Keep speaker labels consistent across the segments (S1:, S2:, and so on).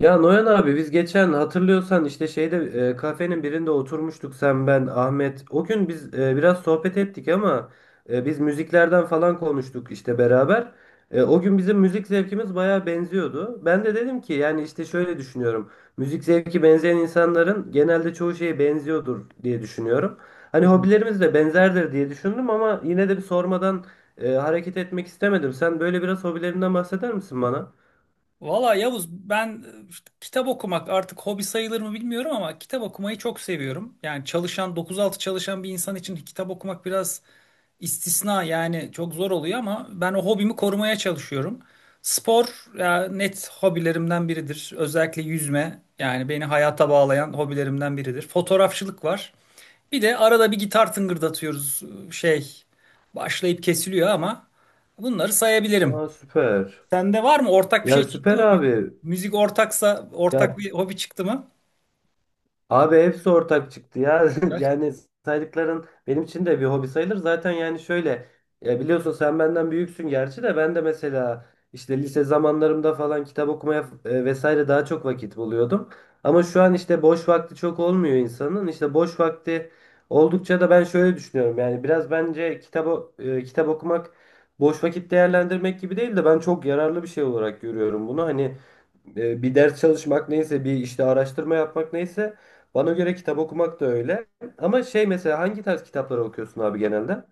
S1: Ya Noyan abi, biz geçen hatırlıyorsan işte şeyde, kafenin birinde oturmuştuk sen ben Ahmet. O gün biz biraz sohbet ettik, ama biz müziklerden falan konuştuk işte beraber. O gün bizim müzik zevkimiz bayağı benziyordu. Ben de dedim ki yani işte şöyle düşünüyorum. Müzik zevki benzeyen insanların genelde çoğu şeye benziyordur diye düşünüyorum.
S2: Hı
S1: Hani
S2: hı.
S1: hobilerimiz de benzerdir diye düşündüm, ama yine de bir sormadan hareket etmek istemedim. Sen böyle biraz hobilerinden bahseder misin bana?
S2: Valla Yavuz ben işte kitap okumak artık hobi sayılır mı bilmiyorum ama kitap okumayı çok seviyorum. Yani dokuz altı çalışan bir insan için kitap okumak biraz istisna, yani çok zor oluyor ama ben o hobimi korumaya çalışıyorum. Spor ya, net hobilerimden biridir. Özellikle yüzme, yani beni hayata bağlayan hobilerimden biridir. Fotoğrafçılık var. Bir de arada bir gitar tıngırdatıyoruz, e, şey başlayıp kesiliyor ama bunları sayabilirim.
S1: Aa, süper.
S2: Sende var mı? Ortak bir şey
S1: Ya,
S2: çıktı
S1: süper
S2: mı? Müzik,
S1: abi.
S2: müzik ortaksa
S1: Ya
S2: ortak bir hobi çıktı mı?
S1: abi, hepsi ortak çıktı ya.
S2: Gerçekten.
S1: Yani saydıkların benim için de bir hobi sayılır. Zaten yani şöyle, ya biliyorsun sen benden büyüksün, gerçi de ben de mesela işte lise zamanlarımda falan kitap okumaya, vesaire, daha çok vakit buluyordum. Ama şu an işte boş vakti çok olmuyor insanın. İşte boş vakti oldukça da ben şöyle düşünüyorum. Yani biraz bence kitap okumak boş vakit değerlendirmek gibi değil de ben çok yararlı bir şey olarak görüyorum bunu. Hani, bir ders çalışmak neyse, bir işte araştırma yapmak neyse, bana göre kitap okumak da öyle. Ama şey, mesela hangi tarz kitapları okuyorsun abi genelde?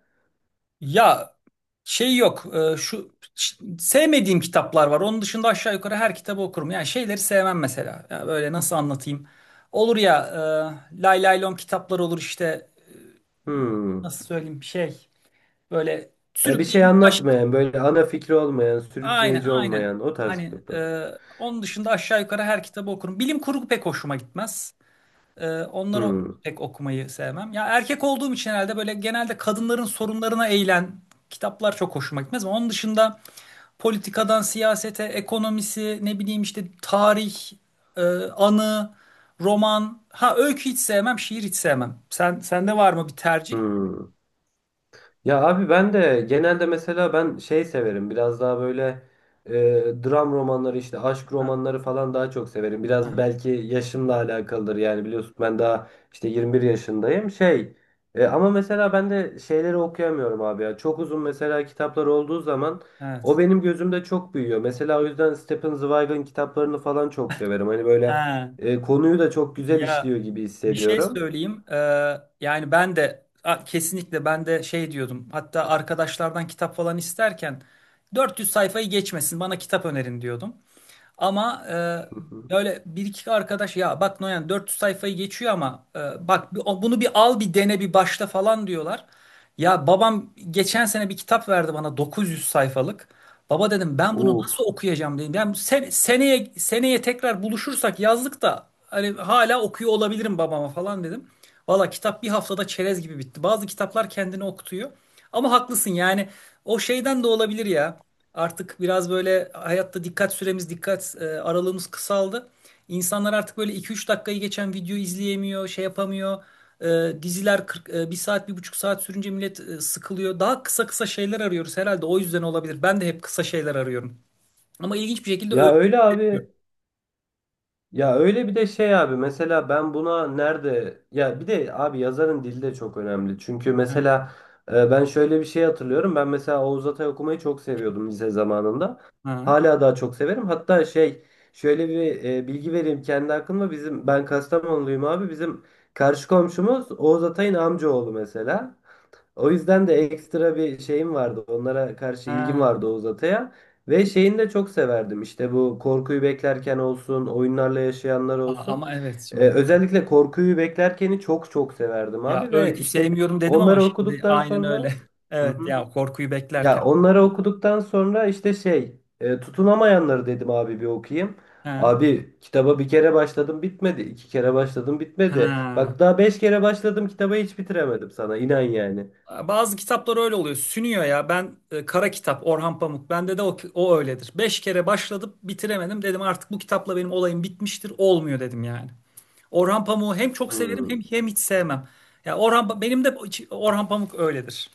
S2: Ya şey yok. Sevmediğim kitaplar var. Onun dışında aşağı yukarı her kitabı okurum. Yani şeyleri sevmem mesela. Ya böyle nasıl anlatayım? Olur ya, lay lay lom kitaplar olur işte.
S1: Hmm.
S2: Nasıl söyleyeyim? Şey, böyle
S1: Bir şey
S2: sürükleyici baş.
S1: anlatmayan, böyle ana fikri olmayan,
S2: Aynen,
S1: sürükleyici
S2: aynen.
S1: olmayan, o tarz
S2: Hani,
S1: kitaplar.
S2: onun dışında aşağı yukarı her kitabı okurum. Bilim kurgu pek hoşuma gitmez. Onları
S1: Hmm.
S2: pek okumayı sevmem. Ya erkek olduğum için herhalde böyle genelde kadınların sorunlarına eğilen kitaplar çok hoşuma gitmez ama onun dışında politikadan siyasete, ekonomisi, ne bileyim işte tarih, e, anı, roman. Ha, öykü hiç sevmem, şiir hiç sevmem. Sende var mı bir tercih?
S1: Hmm. Ya abi ben de genelde mesela ben şey severim, biraz daha böyle, e, dram romanları işte, aşk
S2: Ha,
S1: romanları falan daha çok severim. Biraz
S2: aha,
S1: belki yaşımla alakalıdır, yani biliyorsun ben daha işte 21 yaşındayım şey, ama mesela ben de şeyleri okuyamıyorum abi, ya çok uzun mesela kitaplar olduğu zaman o
S2: evet.
S1: benim gözümde çok büyüyor. Mesela o yüzden Stephen Zweig'ın kitaplarını falan çok severim hani böyle,
S2: Ha,
S1: konuyu da çok güzel
S2: ya,
S1: işliyor gibi
S2: bir şey
S1: hissediyorum.
S2: söyleyeyim. Yani ben de, kesinlikle ben de şey diyordum. Hatta arkadaşlardan kitap falan isterken 400 sayfayı geçmesin bana kitap önerin diyordum. Ama
S1: Hı hı.
S2: böyle bir iki arkadaş, ya bak Noyan 400 sayfayı geçiyor ama bak, bunu bir al, bir dene, bir başla falan diyorlar. Ya babam geçen sene bir kitap verdi bana, 900 sayfalık. Baba dedim, ben bunu nasıl
S1: Uf.
S2: okuyacağım dedim. Yani seneye tekrar buluşursak yazlık da hani hala okuyor olabilirim babama falan dedim. Valla kitap bir haftada çerez gibi bitti. Bazı kitaplar kendini okutuyor. Ama haklısın yani, o şeyden de olabilir ya. Artık biraz böyle hayatta dikkat süremiz, dikkat aralığımız kısaldı. İnsanlar artık böyle 2-3 dakikayı geçen video izleyemiyor, şey yapamıyor. Diziler 40, bir saat, 1,5 saat sürünce millet sıkılıyor. Daha kısa kısa şeyler arıyoruz herhalde, o yüzden olabilir. Ben de hep kısa şeyler arıyorum. Ama ilginç bir şekilde
S1: Ya
S2: öykü
S1: öyle
S2: sevmiyorum.
S1: abi. Ya öyle, bir de şey abi, mesela ben buna nerede, ya bir de abi yazarın dili de çok önemli. Çünkü
S2: Ha,
S1: mesela, ben şöyle bir şey hatırlıyorum. Ben mesela Oğuz Atay okumayı çok seviyordum lise zamanında.
S2: ha.
S1: Hala daha çok severim. Hatta şey, şöyle bir, bilgi vereyim kendi hakkımda. Ben Kastamonluyum abi. Bizim karşı komşumuz Oğuz Atay'ın amcaoğlu mesela. O yüzden de ekstra bir şeyim vardı. Onlara karşı ilgim
S2: Ha,
S1: vardı Oğuz Atay'a. Ve şeyini de çok severdim. İşte bu korkuyu beklerken olsun, oyunlarla yaşayanlar olsun.
S2: ama evet,
S1: Ee,
S2: şimdi
S1: özellikle korkuyu beklerkeni çok çok severdim
S2: ya
S1: abi. Ve
S2: öykü
S1: işte
S2: sevmiyorum dedim ama
S1: onları
S2: şimdi
S1: okuduktan
S2: aynen öyle.
S1: sonra... Hı
S2: Evet
S1: hı.
S2: ya, korkuyu beklerken.
S1: Ya onları okuduktan sonra işte şey, tutunamayanları dedim abi, bir okuyayım.
S2: Ha,
S1: Abi kitaba bir kere başladım bitmedi. İki kere başladım bitmedi.
S2: ha.
S1: Bak daha beş kere başladım, kitabı hiç bitiremedim sana. İnan yani.
S2: Bazı kitaplar öyle oluyor. Sünüyor ya. Ben, Kara Kitap, Orhan Pamuk. Bende de o öyledir. Beş kere başladım, bitiremedim. Dedim artık bu kitapla benim olayım bitmiştir. Olmuyor dedim yani. Orhan Pamuk'u hem çok severim,
S1: Hmm.
S2: hem hiç sevmem. Ya, Orhan Pa- benim de iç- Orhan Pamuk öyledir.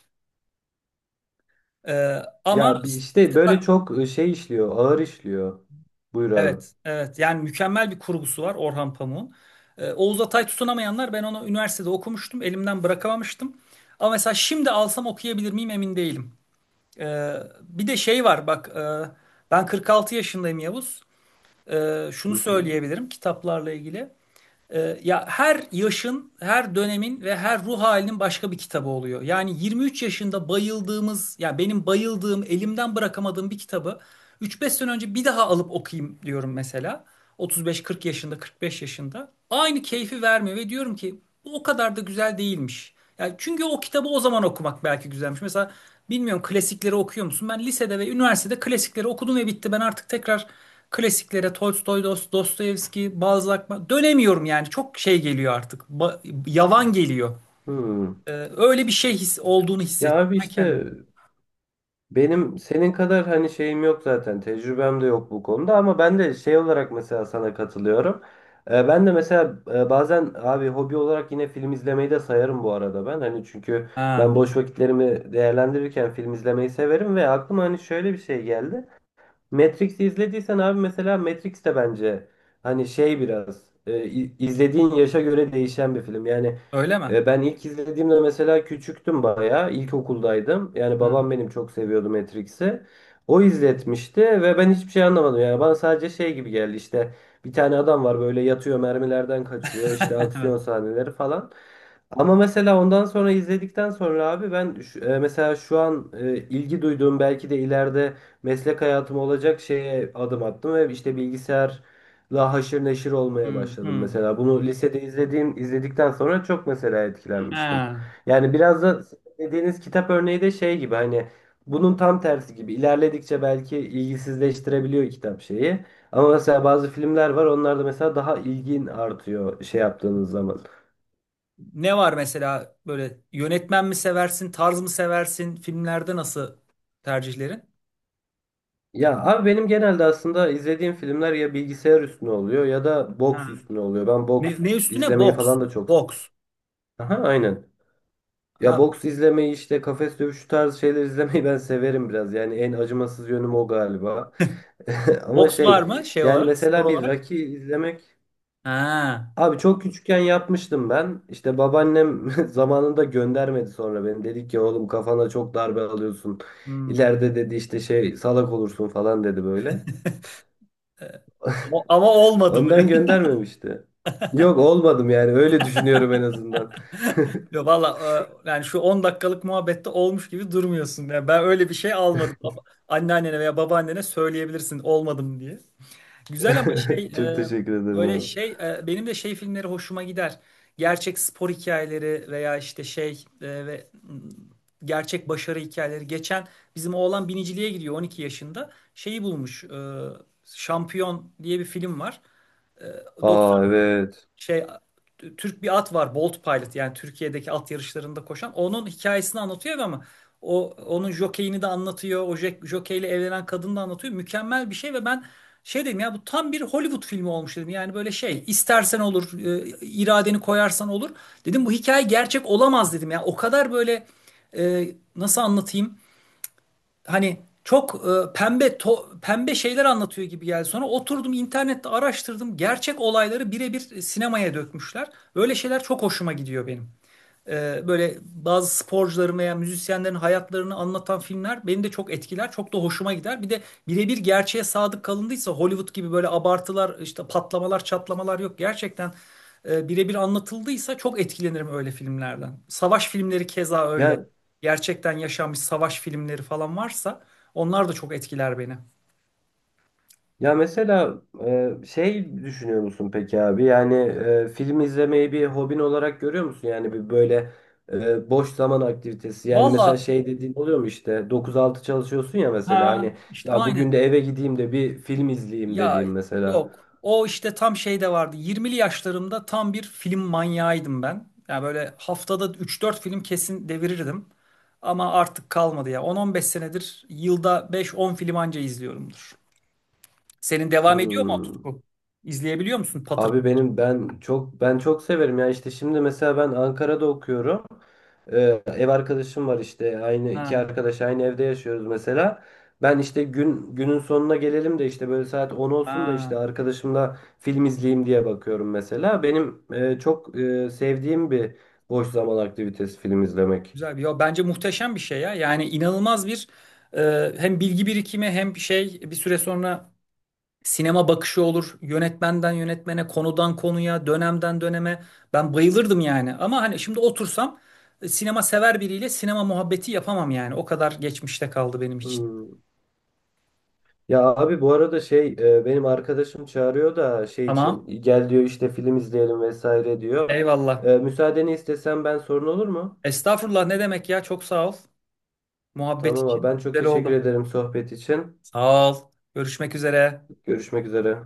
S2: Ama
S1: Ya bir işte
S2: işte
S1: böyle
S2: bak,
S1: çok şey işliyor, ağır işliyor. Buyur abi.
S2: evet evet, yani mükemmel bir kurgusu var Orhan Pamuk'un. Oğuz Atay Tutunamayanlar, ben onu üniversitede okumuştum. Elimden bırakamamıştım. Ama mesela şimdi alsam okuyabilir miyim emin değilim. Bir de şey var bak, ben 46 yaşındayım Yavuz. Şunu
S1: Hı hı.
S2: söyleyebilirim kitaplarla ilgili. Ya her yaşın, her dönemin ve her ruh halinin başka bir kitabı oluyor. Yani 23 yaşında bayıldığımız, ya benim bayıldığım, elimden bırakamadığım bir kitabı 3-5 sene önce bir daha alıp okuyayım diyorum mesela. 35-40 yaşında, 45 yaşında. Aynı keyfi vermiyor ve diyorum ki bu o kadar da güzel değilmiş. Yani çünkü o kitabı o zaman okumak belki güzelmiş. Mesela bilmiyorum, klasikleri okuyor musun? Ben lisede ve üniversitede klasikleri okudum ve bitti. Ben artık tekrar klasiklere, Tolstoy, Dostoyevski, Balzac, dönemiyorum yani. Çok şey geliyor artık. Yavan geliyor.
S1: Hmm.
S2: Ee, öyle bir şey his olduğunu
S1: Ya
S2: hissettim
S1: abi
S2: ben
S1: işte
S2: kendim.
S1: benim senin kadar hani şeyim yok zaten, tecrübem de yok bu konuda, ama ben de şey olarak mesela sana katılıyorum. Ben de mesela bazen abi hobi olarak yine film izlemeyi de sayarım bu arada ben. Hani çünkü
S2: Ha,
S1: ben boş vakitlerimi değerlendirirken film izlemeyi severim ve aklıma hani şöyle bir şey geldi. Matrix'i izlediysen abi, mesela Matrix de bence hani şey, biraz izlediğin yaşa göre değişen bir film. Yani,
S2: öyle mi?
S1: ben ilk izlediğimde mesela küçüktüm bayağı. İlkokuldaydım. Yani
S2: Ha.
S1: babam benim çok seviyordu Matrix'i. O izletmişti ve ben hiçbir şey anlamadım. Yani bana sadece şey gibi geldi işte, bir tane adam var böyle, yatıyor, mermilerden kaçıyor, işte
S2: Evet.
S1: aksiyon sahneleri falan. Ama mesela ondan sonra, izledikten sonra abi ben mesela şu an, ilgi duyduğum belki de ileride meslek hayatım olacak şeye adım attım ve işte bilgisayarla haşır neşir olmaya
S2: Hmm,
S1: başladım
S2: hmm.
S1: mesela. Bunu lisede izledikten sonra çok mesela etkilenmiştim.
S2: Ha.
S1: Yani biraz da dediğiniz kitap örneği de şey gibi, hani bunun tam tersi gibi. İlerledikçe belki ilgisizleştirebiliyor kitap şeyi. Ama mesela bazı filmler var onlarda mesela daha ilgin artıyor şey yaptığınız zaman.
S2: Ne var mesela, böyle yönetmen mi seversin, tarz mı seversin, filmlerde nasıl tercihlerin?
S1: Ya abi benim genelde aslında izlediğim filmler ya bilgisayar üstüne oluyor ya da
S2: Ha.
S1: boks üstüne oluyor. Ben boks
S2: Ne üstüne?
S1: izlemeyi
S2: Boks.
S1: falan da çok.
S2: Boks.
S1: Aha, aynen.
S2: Ha.
S1: Ya boks izlemeyi işte kafes dövüşü tarzı şeyler izlemeyi ben severim biraz. Yani en acımasız yönüm o galiba. Ama
S2: Boks var
S1: şey,
S2: mı şey
S1: yani
S2: olarak, spor
S1: mesela bir
S2: olarak?
S1: Rocky izlemek.
S2: Ha.
S1: Abi çok küçükken yapmıştım ben. İşte babaannem zamanında göndermedi sonra beni. Dedi ki oğlum, kafana çok darbe alıyorsun.
S2: Hmm.
S1: İleride dedi işte şey, salak olursun falan dedi böyle.
S2: Ee, ama olmadı mı?
S1: Ondan göndermemişti. Yok, olmadım yani, öyle düşünüyorum en azından.
S2: Valla, yani şu 10 dakikalık muhabbette olmuş gibi durmuyorsun. Yani ben öyle bir şey almadım. Anneannene veya babaannene söyleyebilirsin olmadım diye. Güzel, ama şey,
S1: Çok teşekkür ederim
S2: böyle
S1: abi.
S2: şey, benim de şey filmleri hoşuma gider. Gerçek spor hikayeleri veya işte şey, ve, gerçek başarı hikayeleri. Geçen bizim oğlan biniciliğe gidiyor, 12 yaşında. Şeyi bulmuş. Şampiyon diye bir film var,
S1: Aa, evet.
S2: şey, Türk bir at var, Bolt Pilot, yani Türkiye'deki at yarışlarında koşan onun hikayesini anlatıyor ama o onun jokeyini de anlatıyor, o jokeyle evlenen kadını da anlatıyor, mükemmel bir şey ve ben şey dedim ya, bu tam bir Hollywood filmi olmuş dedim. Yani böyle şey istersen olur, iradeni koyarsan olur dedim, bu hikaye gerçek olamaz dedim ya, o kadar böyle, nasıl anlatayım, hani çok, pembe şeyler anlatıyor gibi geldi. Sonra oturdum, internette araştırdım. Gerçek olayları birebir sinemaya dökmüşler. Öyle şeyler çok hoşuma gidiyor benim. Böyle bazı sporcuların veya müzisyenlerin hayatlarını anlatan filmler beni de çok etkiler, çok da hoşuma gider. Bir de, birebir gerçeğe sadık kalındıysa, Hollywood gibi böyle abartılar, işte patlamalar, çatlamalar yok. Gerçekten birebir anlatıldıysa çok etkilenirim öyle filmlerden. Savaş filmleri keza öyle.
S1: Ya
S2: Gerçekten yaşanmış savaş filmleri falan varsa onlar da çok etkiler beni.
S1: Ya mesela, şey düşünüyor musun peki abi? Yani, film izlemeyi bir hobin olarak görüyor musun? Yani bir böyle, boş zaman aktivitesi. Yani mesela
S2: Valla,
S1: şey dediğin oluyor mu işte, 9-6 çalışıyorsun ya mesela,
S2: ha,
S1: hani
S2: işte
S1: ya bugün
S2: aynen.
S1: de eve gideyim de bir film izleyeyim
S2: Ya
S1: dediğim mesela.
S2: yok. O işte tam şey de vardı. Yirmili yaşlarımda tam bir film manyağıydım ben. Ya böyle haftada üç dört film kesin devirirdim. Ama artık kalmadı ya. 10-15 senedir yılda 5-10 film anca izliyorumdur. Senin devam ediyor mu o
S1: Hmm.
S2: tutku? İzleyebiliyor musun patır
S1: Abi
S2: patır?
S1: ben çok severim ya, işte şimdi mesela ben Ankara'da okuyorum. Ev arkadaşım var işte, aynı iki
S2: Ha,
S1: arkadaş aynı evde yaşıyoruz mesela. Ben işte günün sonuna gelelim de işte böyle saat 10 olsun da
S2: ha.
S1: işte arkadaşımla film izleyeyim diye bakıyorum mesela. Benim, çok, sevdiğim bir boş zaman aktivitesi film izlemek.
S2: Güzel bir. Yo, bence muhteşem bir şey ya. Yani inanılmaz bir, hem bilgi birikimi hem şey, bir süre sonra sinema bakışı olur. Yönetmenden yönetmene, konudan konuya, dönemden döneme. Ben bayılırdım yani. Ama hani şimdi otursam sinema sever biriyle sinema muhabbeti yapamam yani. O kadar geçmişte kaldı benim için.
S1: Hmm. Ya abi bu arada şey, benim arkadaşım çağırıyor da şey için
S2: Tamam.
S1: gel diyor işte film izleyelim vesaire diyor.
S2: Eyvallah.
S1: Müsaadeni istesem ben sorun olur mu?
S2: Estağfurullah, ne demek ya? Çok sağ ol. Muhabbet
S1: Tamam abi, ben
S2: için.
S1: çok
S2: Güzel
S1: teşekkür
S2: oldu.
S1: ederim sohbet için.
S2: Sağ ol. Görüşmek üzere.
S1: Görüşmek üzere.